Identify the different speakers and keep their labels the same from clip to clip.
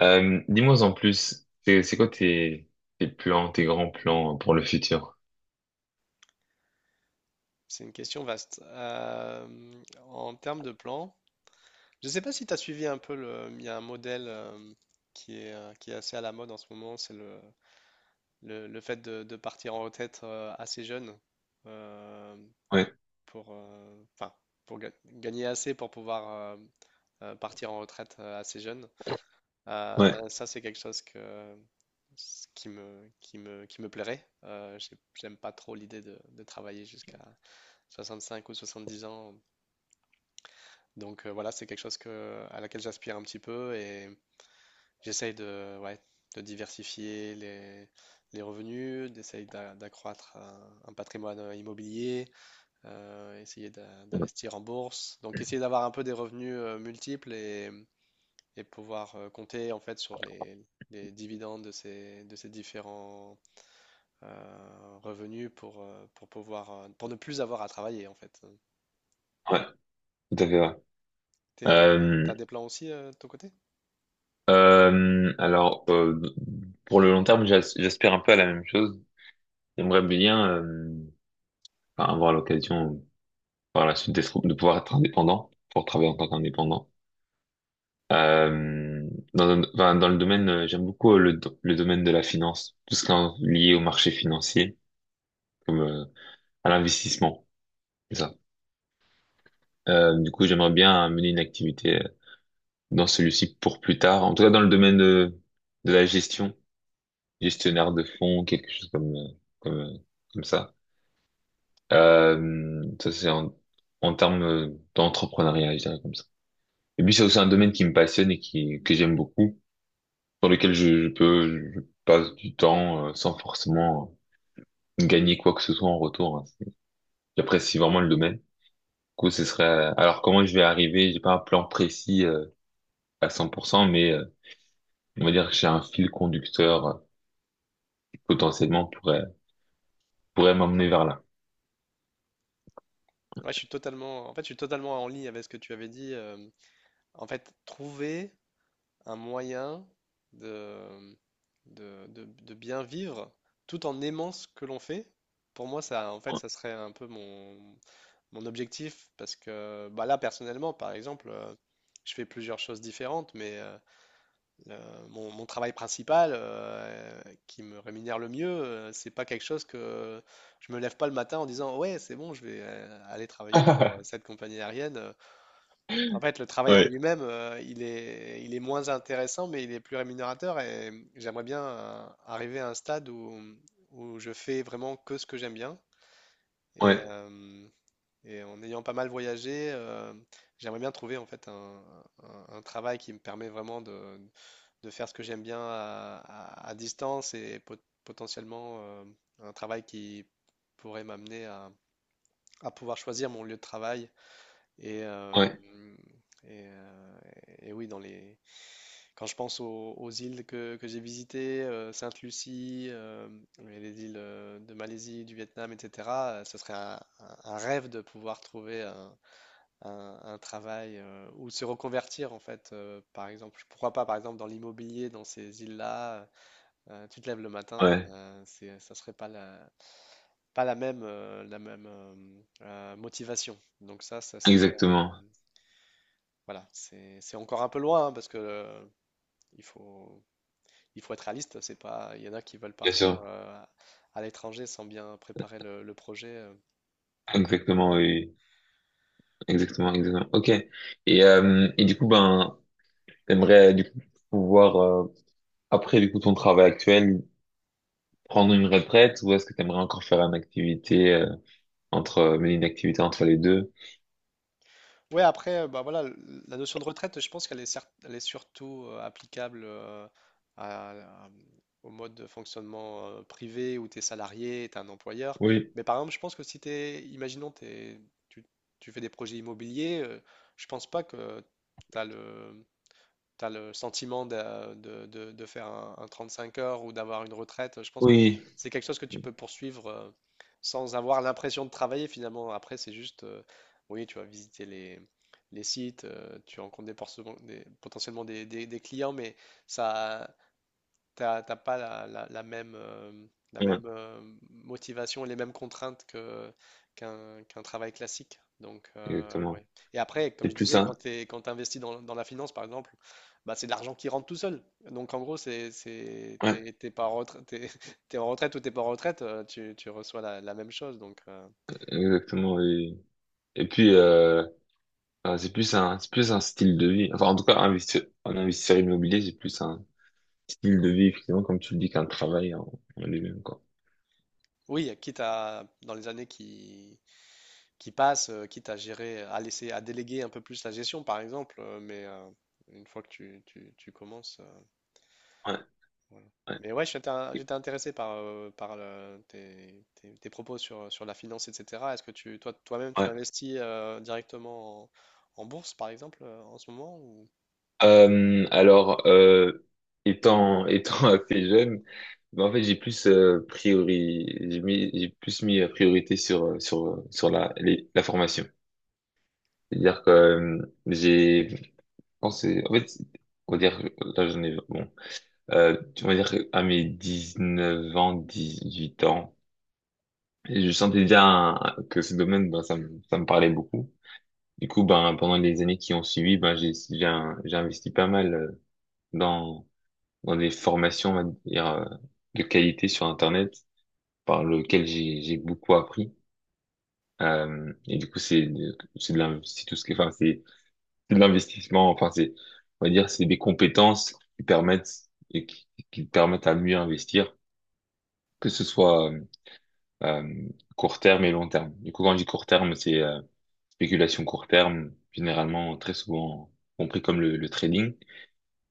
Speaker 1: Dis-moi en plus, c'est quoi tes plans, tes grands plans pour le futur?
Speaker 2: C'est une question vaste. En termes de plan, je ne sais pas si tu as suivi un peu le. Il y a un modèle qui est assez à la mode en ce moment, c'est le fait de partir en retraite assez jeune euh,
Speaker 1: Ouais,
Speaker 2: pour, enfin, pour gagner assez pour pouvoir partir en retraite assez jeune.
Speaker 1: ouais,
Speaker 2: Ça, c'est quelque chose que, ce qui me plairait. J'aime pas trop l'idée de travailler jusqu'à 65 ou 70 ans. Donc voilà, c'est quelque chose que, à laquelle j'aspire un petit peu et j'essaye de, ouais, de diversifier les revenus, d'essayer d'accroître un patrimoine immobilier, essayer d'investir en bourse. Donc essayer d'avoir un peu des revenus multiples et pouvoir compter en fait sur les dividendes de ces différents revenus pour pouvoir, pour ne plus avoir à travailler en fait.
Speaker 1: ouais, tout à fait. Ouais.
Speaker 2: T'es-
Speaker 1: Euh,
Speaker 2: T'as des plans aussi de ton côté?
Speaker 1: alors, pour le long terme, j'aspire un peu à la même chose. J'aimerais bien enfin, avoir l'occasion par la suite de pouvoir être indépendant, pour travailler en tant qu'indépendant. Euh, enfin, dans le domaine, j'aime beaucoup le domaine de la finance, tout ce qui est lié au marché financier, comme à l'investissement. Du coup, j'aimerais bien mener une activité dans celui-ci pour plus tard. En tout cas, dans de la gestion, gestionnaire de fonds, quelque chose comme euh, comme ça. Ça c'est en termes d'entrepreneuriat, je dirais comme ça. Et puis c'est aussi un domaine qui me passionne et qui que j'aime beaucoup, dans lequel je peux, je passe du temps sans forcément gagner quoi que ce soit en retour, hein. J'apprécie vraiment le domaine. Du coup, ce serait. Alors comment je vais arriver? J'ai pas un plan précis à 100%, mais on va dire que j'ai un fil conducteur qui potentiellement pourrait m'emmener vers là.
Speaker 2: Ouais, je suis totalement, en fait, je suis totalement en ligne avec ce que tu avais dit. En fait, trouver un moyen de, de bien vivre tout en aimant ce que l'on fait, pour moi, ça, en fait, ça serait un peu mon, mon objectif. Parce que bah là, personnellement, par exemple, je fais plusieurs choses différentes, mais le- mon, mon travail principal, qui me rémunère le mieux, c'est pas quelque chose que je me lève pas le matin en disant ouais, c'est bon, je vais aller travailler pour cette compagnie aérienne. En fait, le travail en
Speaker 1: Ouais.
Speaker 2: lui-même, il est moins intéressant, mais il est plus rémunérateur et j'aimerais bien arriver à un stade où, où je fais vraiment que ce que j'aime bien et,
Speaker 1: Ouais,
Speaker 2: euh, et en ayant pas mal voyagé, j'aimerais bien trouver en fait un, un travail qui me permet vraiment de faire ce que j'aime bien à, à distance et potentiellement un travail qui pourrait m'amener à pouvoir choisir mon lieu de travail. Et,
Speaker 1: ouais,
Speaker 2: et, euh, et oui, dans les... quand je pense aux, aux îles que j'ai visitées, Sainte-Lucie, et les îles de Malaisie, du Vietnam, etc., ce serait un, un rêve de pouvoir trouver un, un travail ou se reconvertir en fait. Par exemple, pourquoi pas par exemple dans l'immobilier dans ces îles-là, tu te lèves le matin,
Speaker 1: ouais,
Speaker 2: ça serait pas la, pas la même, motivation. Donc ça serait,
Speaker 1: exactement,
Speaker 2: voilà, c'est encore un peu loin hein, parce que il faut, il faut être réaliste. C'est pas, il y en a qui veulent
Speaker 1: bien
Speaker 2: partir
Speaker 1: sûr,
Speaker 2: à l'étranger sans bien préparer le projet.
Speaker 1: exactement, oui, exactement, exactement. Ok. Et et du coup, ben, t'aimerais du coup pouvoir après du coup ton travail actuel prendre une retraite, ou est-ce que t'aimerais encore faire une activité entre, mener une activité entre les deux?
Speaker 2: Ouais, après, bah voilà, la notion de retraite, je pense qu'elle est, elle est surtout applicable à- à- au mode de fonctionnement privé où tu es salarié, tu es un employeur.
Speaker 1: Oui.
Speaker 2: Mais par exemple, je pense que si tu es, tu, tu fais des projets immobiliers, je pense pas que tu as le, tu as le sentiment de, de faire un 35 heures ou d'avoir une retraite. Je pense que
Speaker 1: Oui,
Speaker 2: c'est quelque chose que tu peux poursuivre sans avoir l'impression de travailler finalement. Après, c'est juste, oui, tu vas visiter les sites, tu rencontres des, potentiellement des, des clients, mais ça, t'as pas la, la même, la
Speaker 1: ouais,
Speaker 2: même euh, motivation, et les mêmes contraintes que, qu'un travail classique. Donc,
Speaker 1: exactement.
Speaker 2: ouais. Et après, comme
Speaker 1: C'est
Speaker 2: je
Speaker 1: plus
Speaker 2: disais, quand
Speaker 1: ça.
Speaker 2: tu quand tu investis dans, dans la finance, par exemple, bah, c'est de l'argent qui rentre tout seul. Donc, en gros, c'est,
Speaker 1: Ouais,
Speaker 2: t'es, t'es pas en retraite, t'es, t'es en retraite ou t'es pas en retraite, tu, tu reçois la, la même chose. Donc,
Speaker 1: exactement. Oui. Et puis, c'est plus un style de vie. Enfin, en tout cas, investir, en investisseur immobilier, c'est plus un style de vie, effectivement, comme tu le dis, en lui-même, quoi.
Speaker 2: oui, quitte à, dans les années qui passe, quitte à gérer, à laisser, à déléguer un peu plus la gestion, par exemple. Une fois que tu, tu commences,
Speaker 1: Ouais,
Speaker 2: voilà.
Speaker 1: ouais,
Speaker 2: Mais ouais, j'étais intéressé par, par tes propos sur, sur la finance, etc. Est-ce que tu, toi, toi-même, tu
Speaker 1: ouais.
Speaker 2: investis directement en, en bourse, par exemple, en ce moment ou...
Speaker 1: Alors, étant, étant assez jeune, ben, en fait, j'ai plus mis la priorité sur, sur la formation. C'est-à-dire que je pense, on va dire, que là, j'en ai, bon, euh, on va dire à mes 19 ans, 18 ans. Et je sentais déjà que ce domaine, ben, ça me parlait beaucoup. Du coup, ben, pendant les années qui ont suivi, ben, j'ai investi pas mal dans, dans des formations, on va dire, de qualité sur Internet, par lequel j'ai beaucoup appris. Et du coup, c'est de l'in- c'est tout ce qui, enfin, C'est de l'investissement, enfin, c'est, on va dire, c'est des compétences qui permettent, et qui te permettent à mieux investir, que ce soit, euh, court terme et long terme. Du coup, quand je dis court terme, c'est spéculation court terme, généralement très souvent compris comme le trading.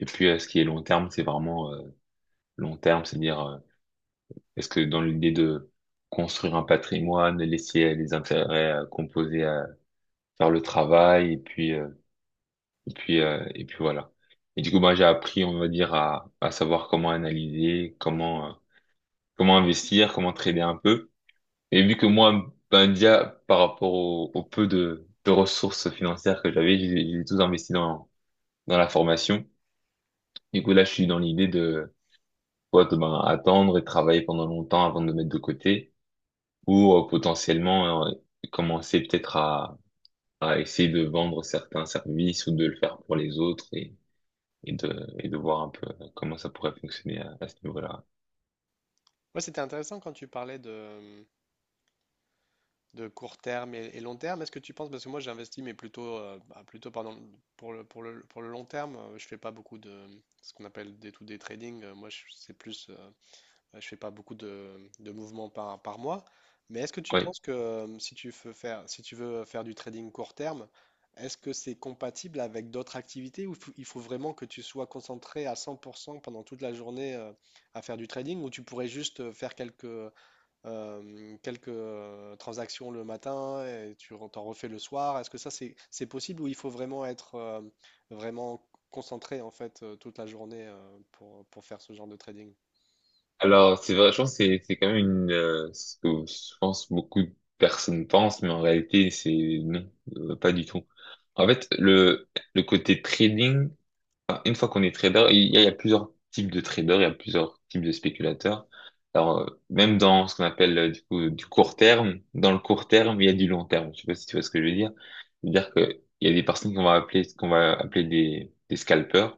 Speaker 1: Et puis ce qui est long terme, c'est vraiment long terme, c'est-à-dire est-ce que dans l'idée de construire un patrimoine, laisser les intérêts composés à faire le travail, et puis voilà. Et du coup, moi, j'ai appris, on va dire, à savoir comment analyser, comment investir, comment trader un peu. Et vu que moi, Bandia, par rapport au peu de ressources financières que j'avais, j'ai tout investi dans la formation. Du coup, là, je suis dans l'idée de soit de, ben, attendre et travailler pendant longtemps avant de me mettre de côté, ou potentiellement commencer peut-être à essayer de vendre certains services ou de le faire pour les autres, et de voir un peu comment ça pourrait fonctionner à ce niveau-là.
Speaker 2: Ouais, c'était intéressant quand tu parlais de court terme et long terme. Est-ce que tu penses, parce que moi j'investis, mais plutôt, bah, plutôt pardon, pour le, pour le, pour le long terme, je fais pas beaucoup de ce qu'on appelle des to day trading. Moi, c'est plus, bah, je fais pas beaucoup de mouvements par, par mois. Mais est-ce que tu
Speaker 1: Ouais.
Speaker 2: penses que si tu veux faire, si tu veux faire du trading court terme, est-ce que c'est compatible avec d'autres activités ou il faut vraiment que tu sois concentré à 100% pendant toute la journée à faire du trading ou tu pourrais juste faire quelques quelques transactions le matin et tu t'en refais le soir. Est-ce que ça c'est possible ou il faut vraiment être vraiment concentré en fait toute la journée pour faire ce genre de trading?
Speaker 1: Alors, c'est vrai, je pense que c'est quand même une, ce que je pense beaucoup de personnes pensent, mais en réalité, c'est non, pas du tout. En fait, le côté trading, enfin, une fois qu'on est trader, il y a plusieurs types de traders, il y a plusieurs types de spéculateurs. Alors, même dans ce qu'on appelle du court terme, dans le court terme, il y a du long terme. Je sais pas si tu vois ce que je veux dire. C'est-à-dire que il y a des personnes qu'on va appeler des scalpers.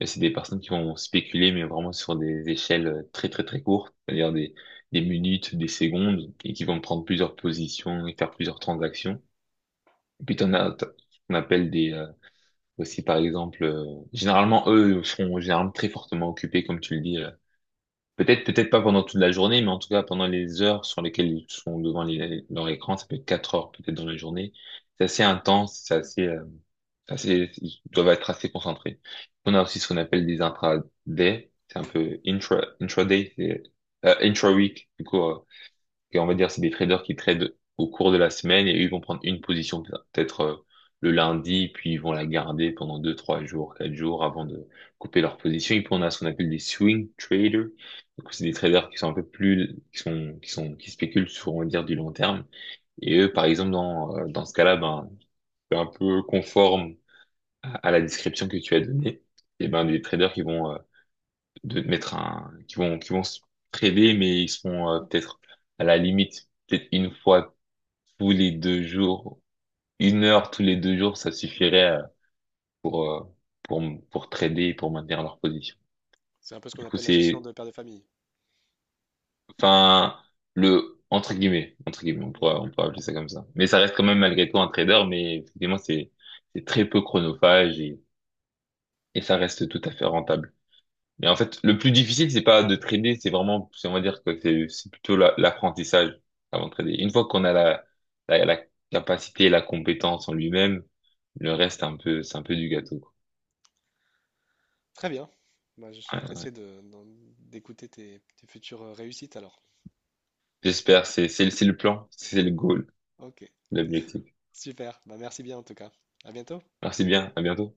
Speaker 1: Et c'est des personnes qui vont spéculer, mais vraiment sur des échelles très très très courtes, c'est-à-dire des minutes, des secondes, et qui vont prendre plusieurs positions et faire plusieurs transactions. Et puis, qu'on appelle des aussi, par exemple, généralement, eux seront généralement très fortement occupés, comme tu le dis. Euh. Peut-être, peut-être pas pendant toute la journée, mais en tout cas pendant les heures sur lesquelles ils sont devant leur écran, ça peut être 4 heures peut-être dans la journée. C'est assez intense, c'est assez, ils doivent être assez concentrés. On a aussi ce qu'on appelle des intraday, c'est un
Speaker 2: Mm.
Speaker 1: peu intra, intraday, c'est intra-week, du coup, et on va dire, c'est des traders qui tradent au cours de la semaine et eux, ils vont prendre une position peut-être le lundi, puis ils vont la garder pendant deux, trois jours, quatre jours avant de couper leur position. Et puis on a ce qu'on appelle des swing traders. Donc c'est des traders qui sont un peu plus, qui spéculent sur, on va dire, du long terme. Et eux, par exemple, dans ce cas-là, ben, c'est un peu conforme à la description que tu as donnée. Et ben, des traders qui vont qui vont se priver, mais ils seront peut-être à la limite, peut-être une fois tous les deux jours, 1 heure tous les deux jours, ça suffirait pour, euh, pour pour trader, pour maintenir leur position.
Speaker 2: C'est un peu ce qu'on
Speaker 1: Du coup,
Speaker 2: appelle la gestion
Speaker 1: c'est,
Speaker 2: de père de famille.
Speaker 1: enfin, le, entre guillemets,
Speaker 2: Mm.
Speaker 1: on pourrait appeler ça comme ça. Mais ça reste quand même malgré tout un trader, mais effectivement, c'est très peu chronophage, et ça reste tout à fait rentable. Mais en fait, le plus difficile, c'est pas de trader, c'est vraiment, on va dire que c'est plutôt l'apprentissage avant de trader. Une fois qu'on a la capacité, la compétence en lui-même, le reste, un peu, c'est un peu du gâteau, quoi.
Speaker 2: Très bien. Bah, je suis
Speaker 1: Ouais.
Speaker 2: pressé de, d'écouter tes, tes futures réussites alors.
Speaker 1: J'espère, c'est le plan, c'est le goal,
Speaker 2: Ok,
Speaker 1: l'objectif.
Speaker 2: super. Bah, merci bien en tout cas. À bientôt.
Speaker 1: Merci bien, à bientôt.